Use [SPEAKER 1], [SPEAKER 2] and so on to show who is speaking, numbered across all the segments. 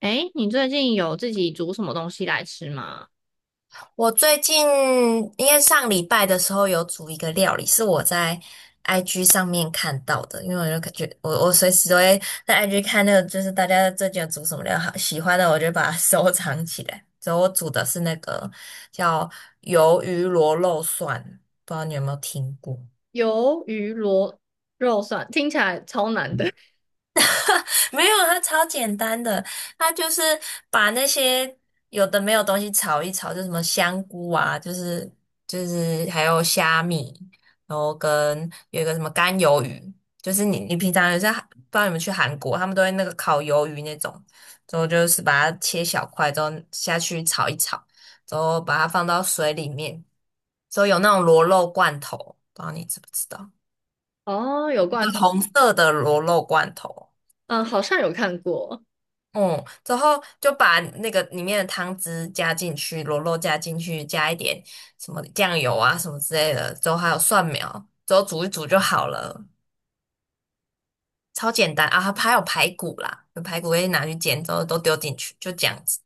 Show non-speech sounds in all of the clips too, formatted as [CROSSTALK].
[SPEAKER 1] 诶，你最近有自己煮什么东西来吃吗？
[SPEAKER 2] 我最近因为上礼拜的时候有煮一个料理，是我在 IG 上面看到的，因为我就感觉我随时都会在 IG 看那个，就是大家最近有煮什么料好，喜欢的我就把它 [LAUGHS] 收藏起来。所以我煮的是那个叫鱿鱼螺肉蒜，不知道你有没有听过？
[SPEAKER 1] 鱿鱼螺肉蒜听起来超难的。
[SPEAKER 2] [LAUGHS] 没有，它超简单的，它就是把那些有的没有东西炒一炒，就什么香菇啊，就是还有虾米，然后跟有一个什么干鱿鱼，就是你平常有在不知道你们去韩国，他们都会那个烤鱿鱼那种，之后就是把它切小块，之后下去炒一炒，之后把它放到水里面，之后有那种螺肉罐头，不知道你知不知道，
[SPEAKER 1] [LAUGHS] 哦，有
[SPEAKER 2] 一个
[SPEAKER 1] 罐头，
[SPEAKER 2] 红色的螺肉罐头。
[SPEAKER 1] 嗯，好像有看过，
[SPEAKER 2] 嗯，之后就把那个里面的汤汁加进去，螺肉加进去，加一点什么酱油啊什么之类的，之后还有蒜苗，之后煮一煮就好了，超简单啊！还有排骨啦，有排骨可以拿去煎，之后都丢进去，就这样子。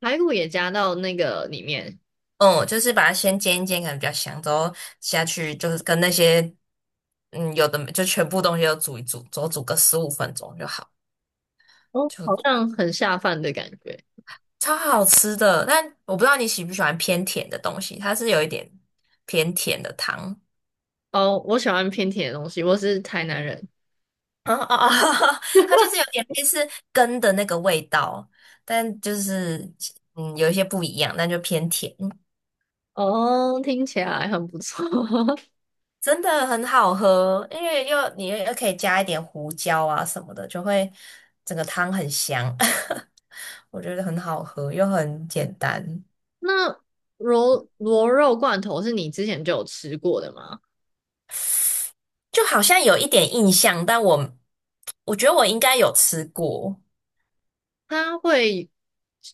[SPEAKER 1] 排骨也加到那个里面，
[SPEAKER 2] 嗯，就是把它先煎一煎，可能比较香，之后下去就是跟那些有的没就全部东西都煮一煮，之后煮个十五分钟就好，
[SPEAKER 1] 哦，
[SPEAKER 2] 就
[SPEAKER 1] 好像很下饭的感觉。
[SPEAKER 2] 超好吃的，但我不知道你喜不喜欢偏甜的东西，它是有一点偏甜的汤，
[SPEAKER 1] 哦，我喜欢偏甜的东西，我是台南人。
[SPEAKER 2] 啊啊啊，[LAUGHS] 它就是有点类似根的那个味道，但就是有一些不一样，但就偏甜，
[SPEAKER 1] 哦，听起来很不错。[LAUGHS]
[SPEAKER 2] 真的很好喝，因为又你又可以加一点胡椒啊什么的，就会整个汤很香，[LAUGHS] 我觉得很好喝又很简单，
[SPEAKER 1] 那螺肉罐头是你之前就有吃过的吗？
[SPEAKER 2] 就好像有一点印象，但我觉得我应该有吃过。
[SPEAKER 1] 它会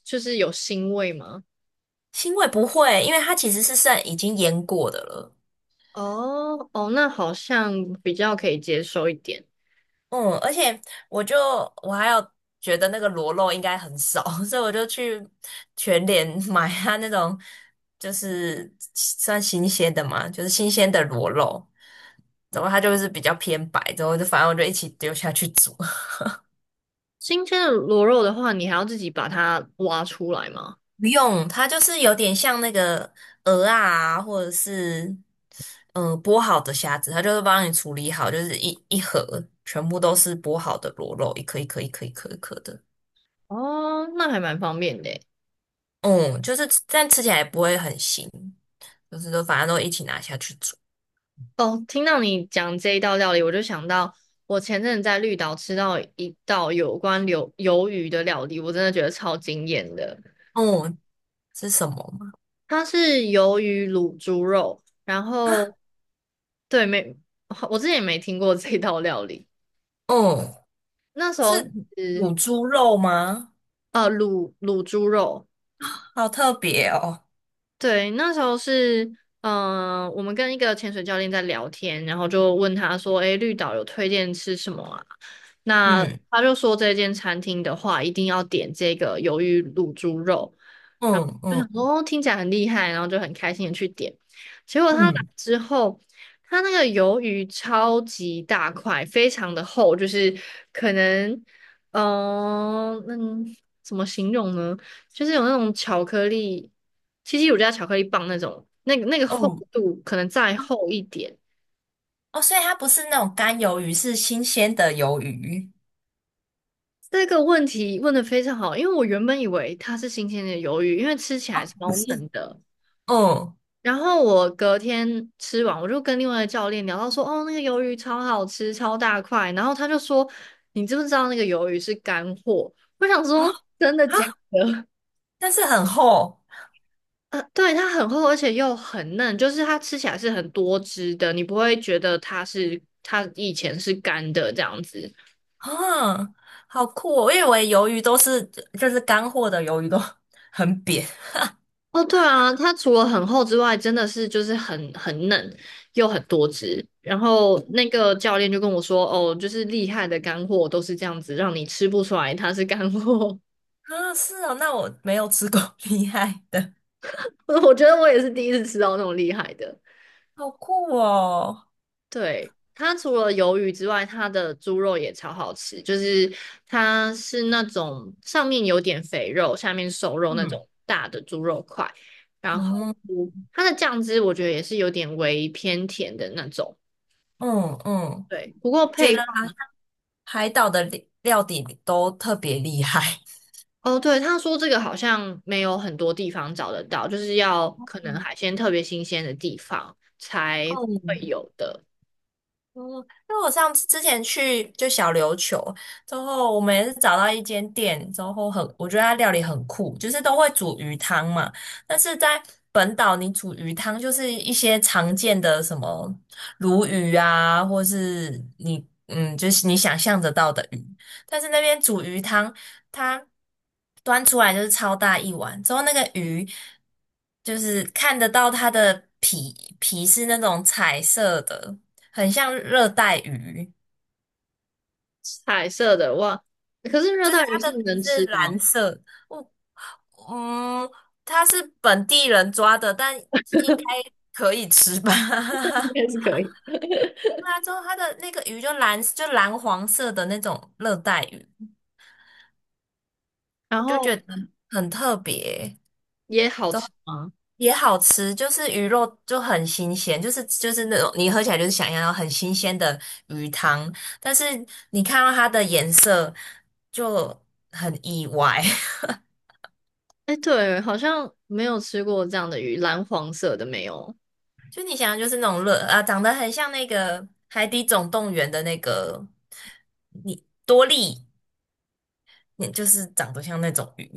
[SPEAKER 1] 就是有腥味吗？
[SPEAKER 2] 腥味不会，因为它其实是剩已经腌过的了。
[SPEAKER 1] 哦哦，那好像比较可以接受一点。
[SPEAKER 2] 嗯，而且我就我还有觉得那个螺肉应该很少，[LAUGHS] 所以我就去全联 [LAUGHS] 买它那种就是算新鲜的嘛，就是新鲜的螺肉。然后它就是比较偏白，之后就反正我就一起丢下去煮。
[SPEAKER 1] 新鲜的螺肉的话，你还要自己把它挖出来吗？
[SPEAKER 2] 不用，它就是有点像那个鹅啊，或者是剥好的虾子，它就是帮你处理好，就是一盒全部都是剥好的螺肉，一颗一颗一颗一颗一颗的。
[SPEAKER 1] 哦，那还蛮方便的耶。
[SPEAKER 2] 嗯，就是但吃起来不会很腥，就是都反正都一起拿下去煮。
[SPEAKER 1] 哦，听到你讲这一道料理，我就想到我前阵子在绿岛吃到一道有关鱿鱼的料理，我真的觉得超惊艳的。
[SPEAKER 2] 嗯，是什么吗？
[SPEAKER 1] 它是鱿鱼卤猪肉，然后对，没，我之前也没听过这道料理。
[SPEAKER 2] 嗯，
[SPEAKER 1] 那时候
[SPEAKER 2] 是卤猪肉吗？
[SPEAKER 1] 呃，卤猪肉。
[SPEAKER 2] 好特别哦。
[SPEAKER 1] 对，那时候是，我们跟一个潜水教练在聊天，然后就问他说：“诶，绿岛有推荐吃什么啊？”那
[SPEAKER 2] 嗯
[SPEAKER 1] 他就说这间餐厅的话，一定要点这个鱿鱼卤猪肉。然后
[SPEAKER 2] 嗯
[SPEAKER 1] 就
[SPEAKER 2] 嗯
[SPEAKER 1] 想说，哦，听起来很厉害，然后就很开心的去点。结果他来
[SPEAKER 2] 嗯
[SPEAKER 1] 之后，他那个鱿鱼超级大块，非常的厚，就是可能，嗯、那怎么形容呢？就是有那种巧克力，七七乳加巧克力棒那种，那个厚
[SPEAKER 2] 嗯，
[SPEAKER 1] 度可能再厚一点。
[SPEAKER 2] 哦，所以它不是那种干鱿鱼，是新鲜的鱿鱼。
[SPEAKER 1] 这个问题问的非常好，因为我原本以为它是新鲜的鱿鱼，因为吃起来
[SPEAKER 2] 不
[SPEAKER 1] 超
[SPEAKER 2] 是。
[SPEAKER 1] 嫩的。
[SPEAKER 2] 嗯
[SPEAKER 1] 然后我隔天吃完，我就跟另外的教练聊到说，哦，那个鱿鱼超好吃，超大块。然后他就说，你知不知道那个鱿鱼是干货？我想
[SPEAKER 2] 啊
[SPEAKER 1] 说，真的
[SPEAKER 2] 啊，
[SPEAKER 1] 假的？
[SPEAKER 2] 但是很厚
[SPEAKER 1] 对，它很厚，而且又很嫩，就是它吃起来是很多汁的，你不会觉得它是它以前是干的这样子。
[SPEAKER 2] 啊，好酷哦！因为我以为鱿鱼都是就是干货的鱿鱼都 [LAUGHS] 很扁
[SPEAKER 1] 哦，对啊，它除了很厚之外，真的是就是很嫩，又很多汁。然后那个教练就跟我说，哦，就是厉害的干货都是这样子，让你吃不出来它是干货。
[SPEAKER 2] 啊，是哦，那我没有吃过 [LAUGHS]，厉害的，
[SPEAKER 1] [LAUGHS] 我觉得我也是第一次吃到那种厉害的。
[SPEAKER 2] 好酷哦！
[SPEAKER 1] 对，它除了鱿鱼之外，它的猪肉也超好吃，就是它是那种上面有点肥肉，下面瘦肉那
[SPEAKER 2] 嗯
[SPEAKER 1] 种大的猪肉块，然后
[SPEAKER 2] 嗯
[SPEAKER 1] 它的酱汁我觉得也是有点微偏甜的那种。
[SPEAKER 2] 嗯嗯，
[SPEAKER 1] 对，不过
[SPEAKER 2] 觉得
[SPEAKER 1] 配方
[SPEAKER 2] 海岛的料底都特别厉害。
[SPEAKER 1] 哦，对，他说这个好像没有很多地方找得到，就是要可能海鲜特别新鲜的地方才会有的。
[SPEAKER 2] 嗯，因为我上次之前去就小琉球之后，我们也是找到一间店之后很，我觉得它料理很酷，就是都会煮鱼汤嘛。但是在本岛，你煮鱼汤就是一些常见的什么鲈鱼啊，或是你，就是你想象得到的鱼。但是那边煮鱼汤，它端出来就是超大一碗，之后那个鱼就是看得到它的皮是那种彩色的。很像热带鱼，
[SPEAKER 1] 彩色的哇，可是热
[SPEAKER 2] 就是
[SPEAKER 1] 带鱼
[SPEAKER 2] 它
[SPEAKER 1] 是
[SPEAKER 2] 的皮
[SPEAKER 1] 能
[SPEAKER 2] 是
[SPEAKER 1] 吃的哦，
[SPEAKER 2] 蓝色。我嗯，它是本地人抓的，但应该可以吃吧？
[SPEAKER 1] [LAUGHS] 应
[SPEAKER 2] [LAUGHS]
[SPEAKER 1] 该是可以。
[SPEAKER 2] 对啊，之后它的那个鱼就蓝，就蓝黄色的那种热带鱼，
[SPEAKER 1] 然
[SPEAKER 2] 我就
[SPEAKER 1] 后
[SPEAKER 2] 觉得很特别，
[SPEAKER 1] 也好吃 [LAUGHS] 吗？
[SPEAKER 2] 也好吃，就是鱼肉就很新鲜，就是就是那种你喝起来就是想要很新鲜的鱼汤，但是你看到它的颜色就很意外。[LAUGHS]
[SPEAKER 1] 哎，对，好像没有吃过这样的鱼，蓝黄色的没有。
[SPEAKER 2] 就你想的就是那种乐啊，长得很像那个《海底总动员》的那个你多利，你就是长得像那种鱼，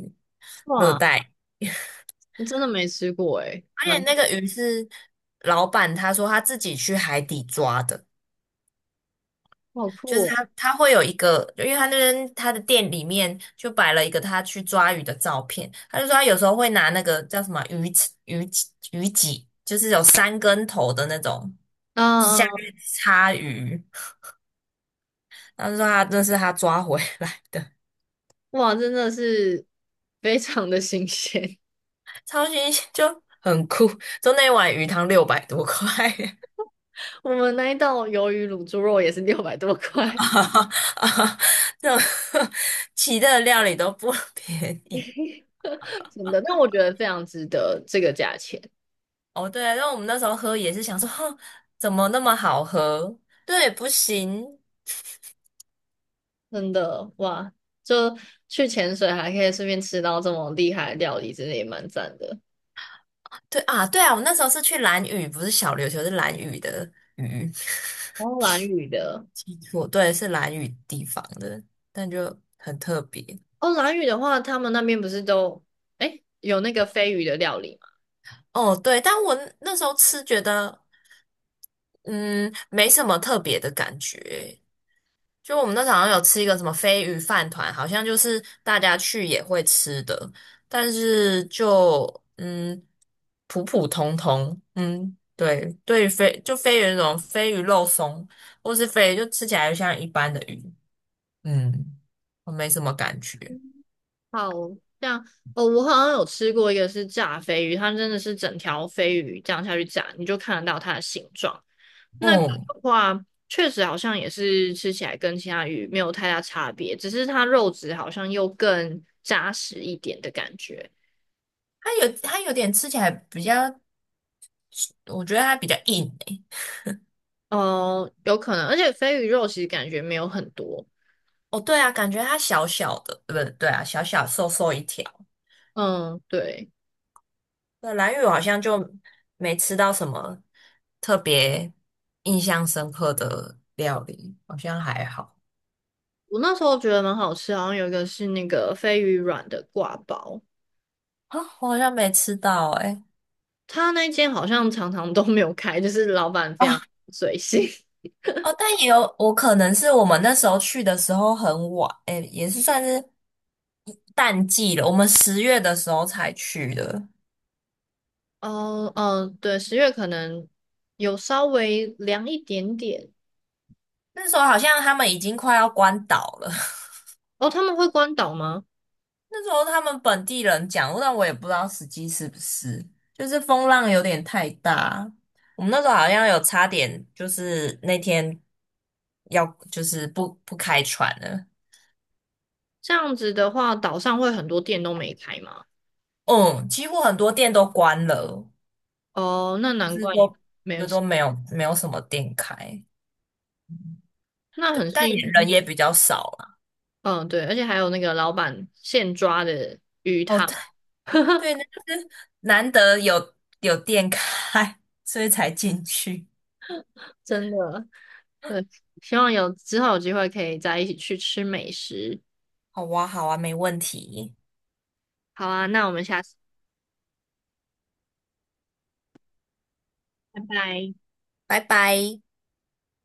[SPEAKER 2] 热
[SPEAKER 1] 哇，
[SPEAKER 2] 带。
[SPEAKER 1] 我真的没吃过哎，
[SPEAKER 2] 而
[SPEAKER 1] 蛮
[SPEAKER 2] 且那
[SPEAKER 1] [LAUGHS]
[SPEAKER 2] 个鱼是老板他说他自己去海底抓的，
[SPEAKER 1] 好
[SPEAKER 2] 就
[SPEAKER 1] 酷
[SPEAKER 2] 是
[SPEAKER 1] 哦。
[SPEAKER 2] 他会有一个，因为他那边他的店里面就摆了一个他去抓鱼的照片，他就说他有时候会拿那个叫什么鱼脊，就是有三根头的那种下
[SPEAKER 1] 啊、
[SPEAKER 2] 面插鱼。他就说他这是他抓回来的，
[SPEAKER 1] 哇，真的是 [LAUGHS] 非常的新鲜。
[SPEAKER 2] [LAUGHS] 超新鲜，[LAUGHS] 就很酷。就那碗鱼汤六百多块，
[SPEAKER 1] [LAUGHS] 我们那一道鱿鱼卤猪肉也是六百多
[SPEAKER 2] [LAUGHS]
[SPEAKER 1] 块，
[SPEAKER 2] 啊啊，这种 [LAUGHS] 其他的料理都不便宜。
[SPEAKER 1] [LAUGHS] 真的，但我觉得非常值得这个价钱，
[SPEAKER 2] 哦，对啊，然后我们那时候喝也是想说，哼怎么那么好喝？对，不行，
[SPEAKER 1] 真的哇！就去潜水还可以顺便吃到这么厉害的料理，真的也蛮赞的。
[SPEAKER 2] 对啊，对啊，我那时候是去蓝屿，不是小琉球，是蓝屿的屿，
[SPEAKER 1] 然后蓝屿的
[SPEAKER 2] 记错，对，是蓝屿地方的，但就很特别。
[SPEAKER 1] 哦，蓝屿的话，他们那边不是都哎有那个飞鱼的料理吗？
[SPEAKER 2] 哦，对，但我那时候吃觉得。嗯，没什么特别的感觉。就我们那时候好像有吃一个什么飞鱼饭团，好像就是大家去也会吃的，但是就嗯普普通通，嗯，对，对于飞鱼那种飞鱼肉松，或是飞鱼就吃起来就像一般的鱼，嗯，我没什么感觉。
[SPEAKER 1] 好像哦，我好像有吃过一个是炸飞鱼，它真的是整条飞鱼这样下去炸，你就看得到它的形状。那个
[SPEAKER 2] 嗯，
[SPEAKER 1] 的话，确实好像也是吃起来跟其他鱼没有太大差别，只是它肉质好像又更扎实一点的感觉。
[SPEAKER 2] 它有它有点吃起来比较，我觉得它比较硬诶。
[SPEAKER 1] 哦，有可能，而且飞鱼肉其实感觉没有很多。
[SPEAKER 2] 哦，对啊，感觉它小小的，对不对？对啊，小小瘦瘦一条。
[SPEAKER 1] 嗯，对。
[SPEAKER 2] 对，蓝屿我好像就没吃到什么特别印象深刻的料理，好像还好
[SPEAKER 1] 我那时候觉得蛮好吃，好像有一个是那个飞鱼软的挂包，
[SPEAKER 2] 啊，我好像没吃到诶、欸
[SPEAKER 1] 他那间好像常常都没有开，就是老板非常随性。[LAUGHS]
[SPEAKER 2] 哦，但也有我可能是我们那时候去的时候很晚，哎，也是算是淡季了，我们十月的时候才去的，
[SPEAKER 1] 哦，嗯，对，10月可能有稍微凉一点点。
[SPEAKER 2] 那时候好像他们已经快要关岛了。
[SPEAKER 1] 哦，他们会关岛吗？
[SPEAKER 2] 那时候他们本地人讲，但我也不知道实际是不是，就是风浪有点太大。我们那时候好像有差点，就是那天要就是不开船了。
[SPEAKER 1] 这样子的话，岛上会很多店都没开吗？
[SPEAKER 2] 嗯，几乎很多店都关了，
[SPEAKER 1] 哦，那
[SPEAKER 2] 就
[SPEAKER 1] 难
[SPEAKER 2] 是
[SPEAKER 1] 怪你
[SPEAKER 2] 都
[SPEAKER 1] 没有
[SPEAKER 2] 就
[SPEAKER 1] 吃，
[SPEAKER 2] 都没有什么店开。
[SPEAKER 1] 那
[SPEAKER 2] 对，
[SPEAKER 1] 很幸
[SPEAKER 2] 但也人
[SPEAKER 1] 运。
[SPEAKER 2] 也比较少了。
[SPEAKER 1] 嗯，对，而且还有那个老板现抓的
[SPEAKER 2] 哦，对
[SPEAKER 1] 哈，[LAUGHS]
[SPEAKER 2] 对，那就是难得有店开，所以才进去。
[SPEAKER 1] 真的。希望有之后有机会可以再一起去吃美食。
[SPEAKER 2] 好哇，好啊，没问题，
[SPEAKER 1] 好啊，那我们下次，拜拜。
[SPEAKER 2] 拜拜。